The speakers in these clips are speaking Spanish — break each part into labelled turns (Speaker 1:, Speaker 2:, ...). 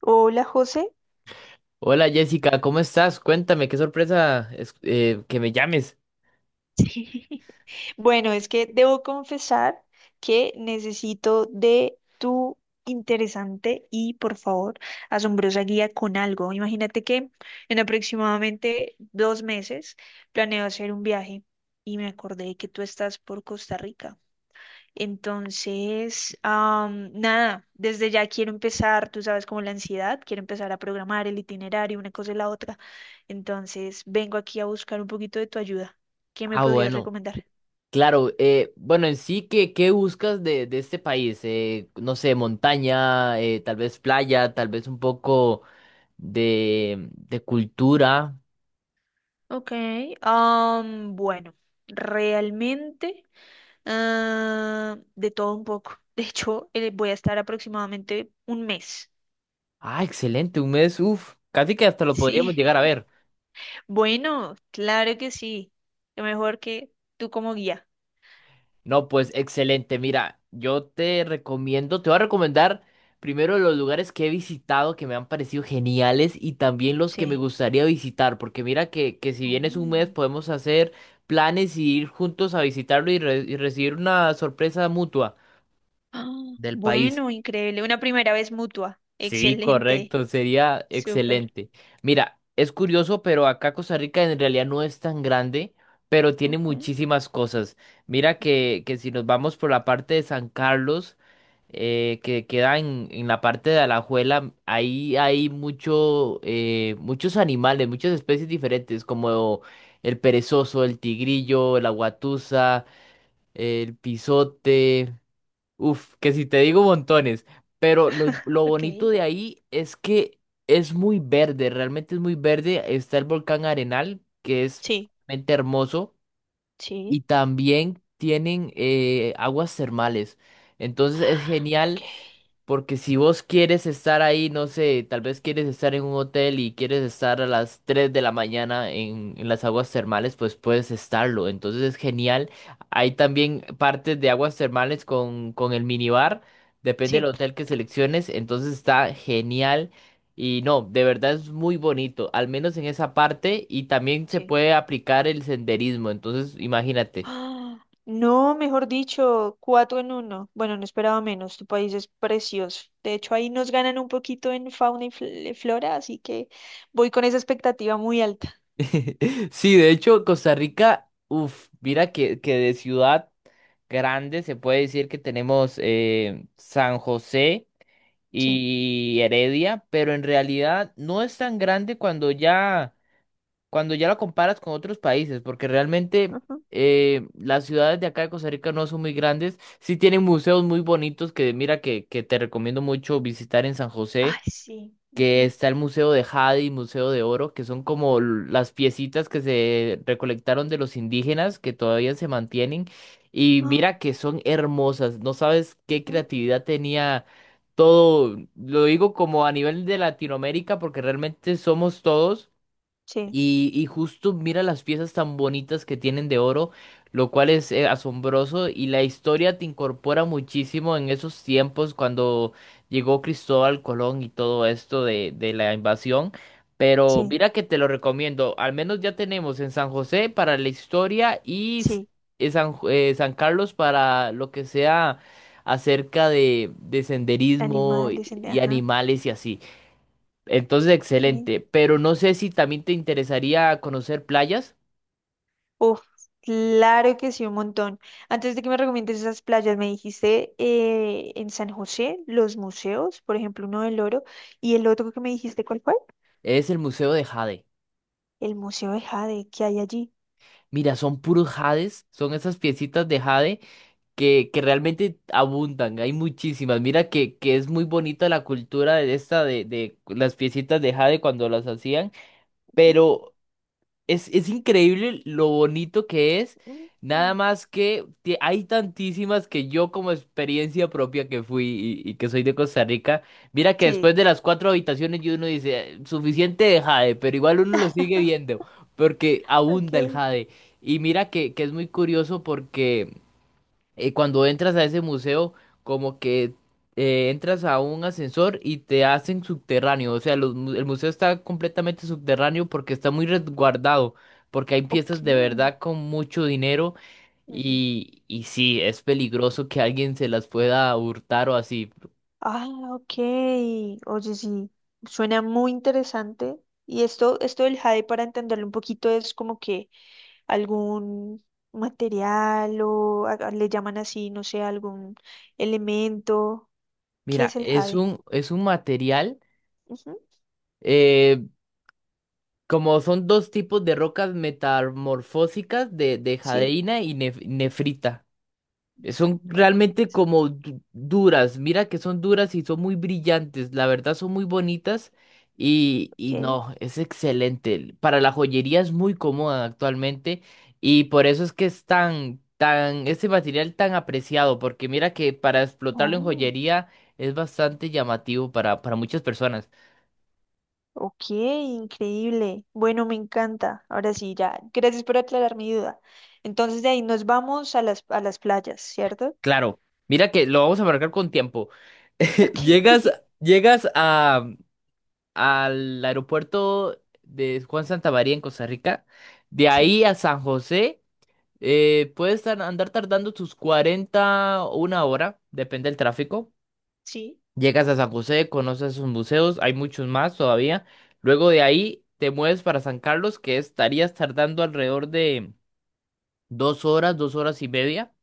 Speaker 1: Hola, José.
Speaker 2: Hola Jessica, ¿cómo estás? Cuéntame, qué sorpresa que me llames.
Speaker 1: Bueno, es que debo confesar que necesito de tu interesante y, por favor, asombrosa guía con algo. Imagínate que en aproximadamente 2 meses planeo hacer un viaje y me acordé que tú estás por Costa Rica. Entonces, nada, desde ya quiero empezar, tú sabes, como la ansiedad, quiero empezar a programar el itinerario, una cosa y la otra. Entonces, vengo aquí a buscar un poquito de tu ayuda. ¿Qué me
Speaker 2: Ah,
Speaker 1: podrías
Speaker 2: bueno,
Speaker 1: recomendar?
Speaker 2: claro. Bueno, en sí, ¿qué buscas de este país? No sé, montaña, tal vez playa, tal vez un poco de cultura.
Speaker 1: Ok, bueno, realmente de todo un poco. De hecho, voy a estar aproximadamente un mes.
Speaker 2: Ah, excelente, un mes, uff, casi que hasta lo
Speaker 1: Sí.
Speaker 2: podríamos llegar a ver.
Speaker 1: Bueno, claro que sí. Lo mejor que tú como guía.
Speaker 2: No, pues excelente. Mira, te voy a recomendar primero los lugares que he visitado que me han parecido geniales y también los que me
Speaker 1: Sí.
Speaker 2: gustaría visitar, porque mira que si vienes un mes
Speaker 1: Oh.
Speaker 2: podemos hacer planes y ir juntos a visitarlo y recibir una sorpresa mutua
Speaker 1: Ah,
Speaker 2: del país.
Speaker 1: bueno, increíble. Una primera vez mutua.
Speaker 2: Sí,
Speaker 1: Excelente.
Speaker 2: correcto, sería
Speaker 1: Súper.
Speaker 2: excelente. Mira, es curioso, pero acá Costa Rica en realidad no es tan grande, pero tiene
Speaker 1: Ok.
Speaker 2: muchísimas cosas. Mira
Speaker 1: Ujú.
Speaker 2: que si nos vamos por la parte de San Carlos, que queda en la parte de Alajuela, ahí hay muchos animales, muchas especies diferentes, como el perezoso, el tigrillo, la guatusa, el pisote. Uf, que si te digo montones, pero lo, lo bonito
Speaker 1: Ok.
Speaker 2: de ahí es que es muy verde, realmente es muy verde. Está el volcán Arenal, que es
Speaker 1: Sí,
Speaker 2: realmente hermoso, y
Speaker 1: sí.
Speaker 2: también tienen aguas termales. Entonces es
Speaker 1: Ok.
Speaker 2: genial porque si vos quieres estar ahí, no sé, tal vez quieres estar en un hotel y quieres estar a las 3 de la mañana en las aguas termales, pues puedes estarlo. Entonces es genial. Hay también partes de aguas termales con el minibar, depende del
Speaker 1: Sí,
Speaker 2: hotel que selecciones. Entonces está genial. Y no, de verdad es muy bonito, al menos en esa parte. Y también se
Speaker 1: sí.
Speaker 2: puede aplicar el senderismo. Entonces, imagínate.
Speaker 1: Ah, no, mejor dicho, cuatro en uno. Bueno, no esperaba menos. Tu país es precioso. De hecho, ahí nos ganan un poquito en fauna y flora, así que voy con esa expectativa muy alta.
Speaker 2: Sí, de hecho, Costa Rica, uff, mira que de ciudad grande se puede decir que tenemos San José
Speaker 1: Sí.
Speaker 2: y Heredia, pero en realidad no es tan grande cuando ya lo comparas con otros países, porque realmente
Speaker 1: Ujú.
Speaker 2: las ciudades de acá de Costa Rica no son muy grandes, sí tienen museos muy bonitos que mira que te recomiendo mucho visitar en San
Speaker 1: Ay,
Speaker 2: José
Speaker 1: sí.
Speaker 2: que
Speaker 1: Ujú.
Speaker 2: está el Museo de Jade y Museo de Oro, que son como las piecitas que se recolectaron de los indígenas que todavía se mantienen. Y
Speaker 1: Ah,
Speaker 2: mira que son hermosas, no sabes qué
Speaker 1: ujú.
Speaker 2: creatividad tenía todo, lo digo como a nivel de Latinoamérica, porque realmente somos todos.
Speaker 1: Sí,
Speaker 2: Y justo mira las piezas tan bonitas que tienen de oro, lo cual es asombroso y la historia te incorpora muchísimo en esos tiempos cuando llegó Cristóbal Colón y todo esto de la invasión. Pero
Speaker 1: sí,
Speaker 2: mira que te lo recomiendo, al menos ya tenemos en San José para la historia y
Speaker 1: sí.
Speaker 2: San Carlos para lo que sea acerca de senderismo y
Speaker 1: Animales,
Speaker 2: y
Speaker 1: ajá.
Speaker 2: animales y así. Entonces,
Speaker 1: Okay.
Speaker 2: excelente. Pero no sé si también te interesaría conocer playas.
Speaker 1: Uf, claro que sí, un montón. Antes de que me recomiendes esas playas, me dijiste en San José, los museos, por ejemplo, uno del Oro, y el otro que me dijiste, ¿cuál fue?
Speaker 2: Es el Museo de Jade.
Speaker 1: El Museo de Jade, ¿que hay allí?
Speaker 2: Mira, son puros jades, son esas piecitas de jade que realmente abundan, hay muchísimas. Mira que es muy bonita la cultura de de las piecitas de jade cuando las hacían,
Speaker 1: Ujú,
Speaker 2: pero es increíble lo bonito que es,
Speaker 1: ujú.
Speaker 2: nada más que hay tantísimas que yo como experiencia propia que fui y que soy de Costa Rica, mira que
Speaker 1: Sí.
Speaker 2: después de las 4 habitaciones y uno dice, suficiente de jade", pero igual uno lo sigue viendo porque abunda el
Speaker 1: Ok.
Speaker 2: jade. Y mira que es muy curioso porque cuando entras a ese museo, como que entras a un ascensor y te hacen subterráneo. O sea, los el museo está completamente subterráneo porque está muy resguardado, porque hay
Speaker 1: Ok.
Speaker 2: piezas de verdad con mucho dinero
Speaker 1: Ujú.
Speaker 2: y sí, es peligroso que alguien se las pueda hurtar o así.
Speaker 1: Ah, ok. Oye, sí, suena muy interesante. Y esto del jade, para entenderlo un poquito, es como que algún material o le llaman así, no sé, algún elemento. ¿Qué
Speaker 2: Mira,
Speaker 1: es el
Speaker 2: es
Speaker 1: jade?
Speaker 2: un, es un material,
Speaker 1: Ujú,
Speaker 2: eh, como son dos tipos de rocas metamorfósicas de
Speaker 1: sí,
Speaker 2: jadeína y nefrita. Son
Speaker 1: fruta,
Speaker 2: realmente
Speaker 1: interesante.
Speaker 2: como duras, mira que son duras y son muy brillantes, la verdad son muy bonitas y
Speaker 1: Ok.
Speaker 2: no, es excelente. Para la joyería es muy cómoda actualmente y por eso es que es este material tan apreciado, porque mira que para explotarlo en
Speaker 1: Oh,
Speaker 2: joyería es bastante llamativo para muchas personas.
Speaker 1: ok, increíble. Bueno, me encanta. Ahora sí, ya. Gracias por aclarar mi duda. Entonces de ahí nos vamos a las, playas, ¿cierto?
Speaker 2: Claro, mira que lo vamos a marcar con tiempo.
Speaker 1: Ok.
Speaker 2: Llegas, llegas a al aeropuerto de Juan Santamaría en Costa Rica. De
Speaker 1: Sí.
Speaker 2: ahí a San José, puedes andar tardando tus 40 o una hora, depende del tráfico.
Speaker 1: Sí,
Speaker 2: Llegas a San José, conoces sus museos, hay muchos más todavía. Luego de ahí te mueves para San Carlos, que estarías tardando alrededor de 2 horas, 2 horas y media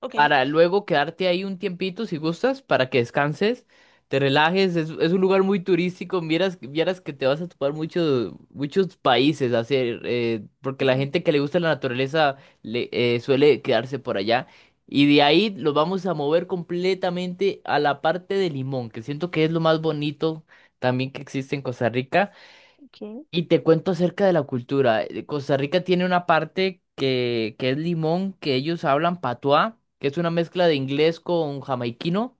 Speaker 1: ok.
Speaker 2: para luego quedarte ahí un tiempito si gustas, para que descanses, te relajes, es un lugar muy turístico, vieras que te vas a topar muchos países a hacer, porque la
Speaker 1: Ujú,
Speaker 2: gente que le gusta la naturaleza suele quedarse por allá. Y de ahí los vamos a mover completamente a la parte de Limón, que siento que es lo más bonito también que existe en Costa Rica.
Speaker 1: ok.
Speaker 2: Y te cuento acerca de la cultura. Costa Rica tiene una parte que es Limón, que ellos hablan patuá, que es una mezcla de inglés con jamaiquino.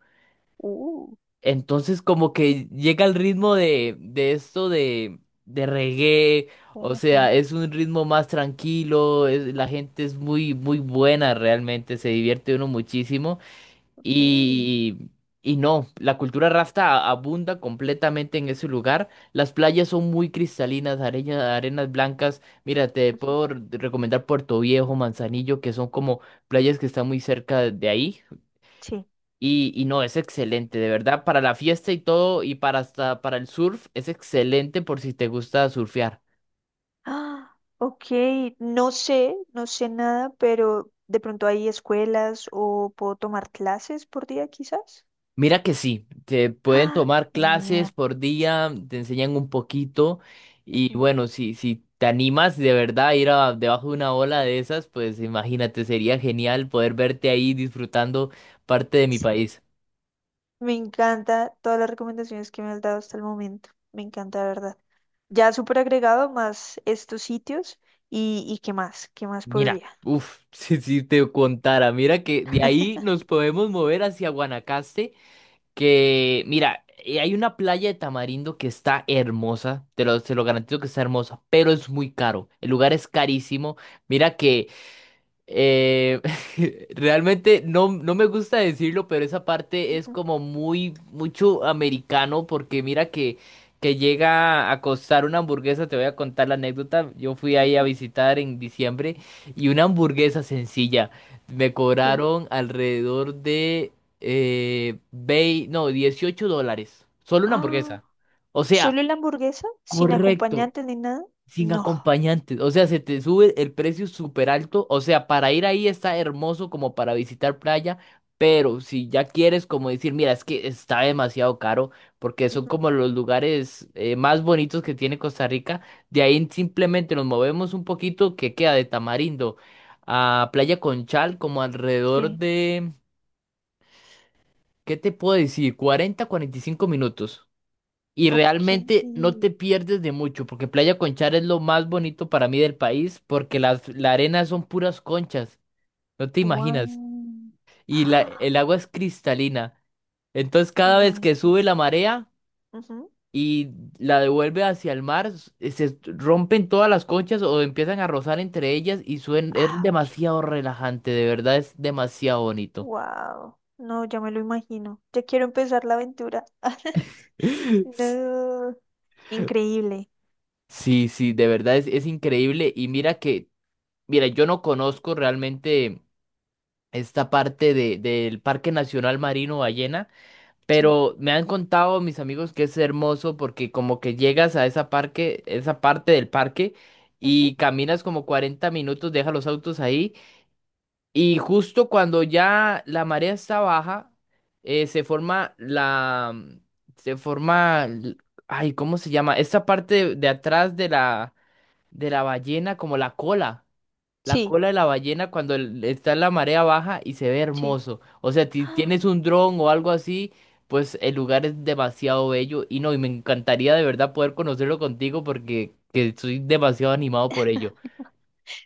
Speaker 1: Uh,
Speaker 2: Entonces como que llega el ritmo de esto de reggae. O
Speaker 1: ajá,
Speaker 2: sea, es un ritmo más tranquilo, la gente es muy, muy buena realmente, se divierte uno muchísimo.
Speaker 1: ok.
Speaker 2: Y, y no, la cultura rasta abunda completamente en ese lugar. Las playas son muy cristalinas, arenas blancas. Mira, te puedo recomendar Puerto Viejo, Manzanillo, que son como playas que están muy cerca de ahí.
Speaker 1: Sí.
Speaker 2: Y no, es excelente, de verdad, para la fiesta y todo, y para hasta para el surf, es excelente por si te gusta surfear.
Speaker 1: Ah, ok, no sé, no sé nada, pero de pronto hay escuelas o puedo tomar clases por día quizás.
Speaker 2: Mira que sí, te pueden
Speaker 1: Ah,
Speaker 2: tomar
Speaker 1: genial.
Speaker 2: clases por día, te enseñan un poquito y
Speaker 1: Ujú.
Speaker 2: bueno, si te animas de verdad a ir debajo de una ola de esas, pues imagínate, sería genial poder verte ahí disfrutando parte de mi
Speaker 1: Sí.
Speaker 2: país.
Speaker 1: Me encanta todas las recomendaciones que me has dado hasta el momento. Me encanta, de verdad. Ya súper agregado más estos sitios y qué más
Speaker 2: Mira,
Speaker 1: podría.
Speaker 2: uff, si te contara, mira que de ahí nos podemos mover hacia Guanacaste, que mira, hay una playa de Tamarindo que está hermosa, se lo garantizo que está hermosa, pero es muy caro, el lugar es carísimo. Mira que Eh, realmente no me gusta decirlo, pero esa parte es
Speaker 1: Ujú,
Speaker 2: como muy, mucho americano, porque mira que llega a costar una hamburguesa, te voy a contar la anécdota, yo fui ahí a
Speaker 1: ujú,
Speaker 2: visitar en diciembre y una hamburguesa sencilla, me
Speaker 1: sí.
Speaker 2: cobraron alrededor de, no, 18 dólares, solo una
Speaker 1: Ah,
Speaker 2: hamburguesa. O sea,
Speaker 1: ¿solo la hamburguesa? ¿Sin
Speaker 2: correcto,
Speaker 1: acompañante ni nada?
Speaker 2: sin
Speaker 1: No.
Speaker 2: acompañantes, o sea, se te sube el precio súper alto, o sea, para ir ahí está hermoso como para visitar playa, pero si ya quieres como decir, mira, es que está demasiado caro, porque son
Speaker 1: Ujú,
Speaker 2: como los lugares más bonitos que tiene Costa Rica, de ahí simplemente nos movemos un poquito que queda de Tamarindo a Playa Conchal como alrededor
Speaker 1: sí.
Speaker 2: de, ¿qué te puedo decir? 40, 45 minutos. Y
Speaker 1: Ok.
Speaker 2: realmente no te pierdes de mucho, porque Playa Conchar es lo más bonito para mí del país, porque la arena son puras conchas, no te imaginas.
Speaker 1: Wow.
Speaker 2: Y
Speaker 1: Ah,
Speaker 2: el agua es cristalina. Entonces cada
Speaker 1: no
Speaker 2: vez que
Speaker 1: entiendo.
Speaker 2: sube la marea
Speaker 1: Ujú.
Speaker 2: y la devuelve hacia el mar, se rompen todas las conchas o empiezan a rozar entre ellas es
Speaker 1: Ah,
Speaker 2: demasiado relajante, de verdad es demasiado bonito.
Speaker 1: wow. No, ya me lo imagino. Ya quiero empezar la aventura. No. Increíble.
Speaker 2: Sí, sí, de verdad es increíble. Y mira, yo no conozco realmente. Esta parte del Parque Nacional Marino Ballena,
Speaker 1: Sí.
Speaker 2: pero me han contado mis amigos que es hermoso porque como que llegas a esa parte del parque y
Speaker 1: Ujú.
Speaker 2: caminas como 40 minutos, dejas los autos ahí y justo cuando ya la marea está baja, eh, se forma la, se forma, ay, ¿cómo se llama? Esta parte de atrás de la ballena como la cola. La
Speaker 1: Sí,
Speaker 2: cola de la ballena cuando está en la marea baja y se ve
Speaker 1: sí.
Speaker 2: hermoso. O sea, si
Speaker 1: Ah,
Speaker 2: tienes un dron o algo así, pues el lugar es demasiado bello. Y no, y me encantaría de verdad poder conocerlo contigo porque que estoy demasiado animado por ello.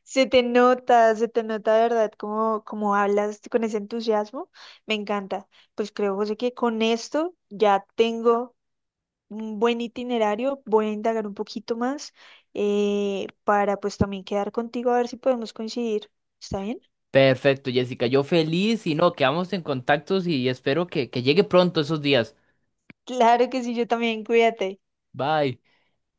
Speaker 1: se te nota, se te nota de verdad cómo, hablas con ese entusiasmo. Me encanta. Pues creo, José, que con esto ya tengo un buen itinerario, voy a indagar un poquito más para pues también quedar contigo a ver si podemos coincidir. ¿Está bien?
Speaker 2: Perfecto, Jessica. Yo feliz y no, quedamos en contactos y espero que llegue pronto esos días.
Speaker 1: Claro que sí, yo también, cuídate.
Speaker 2: Bye.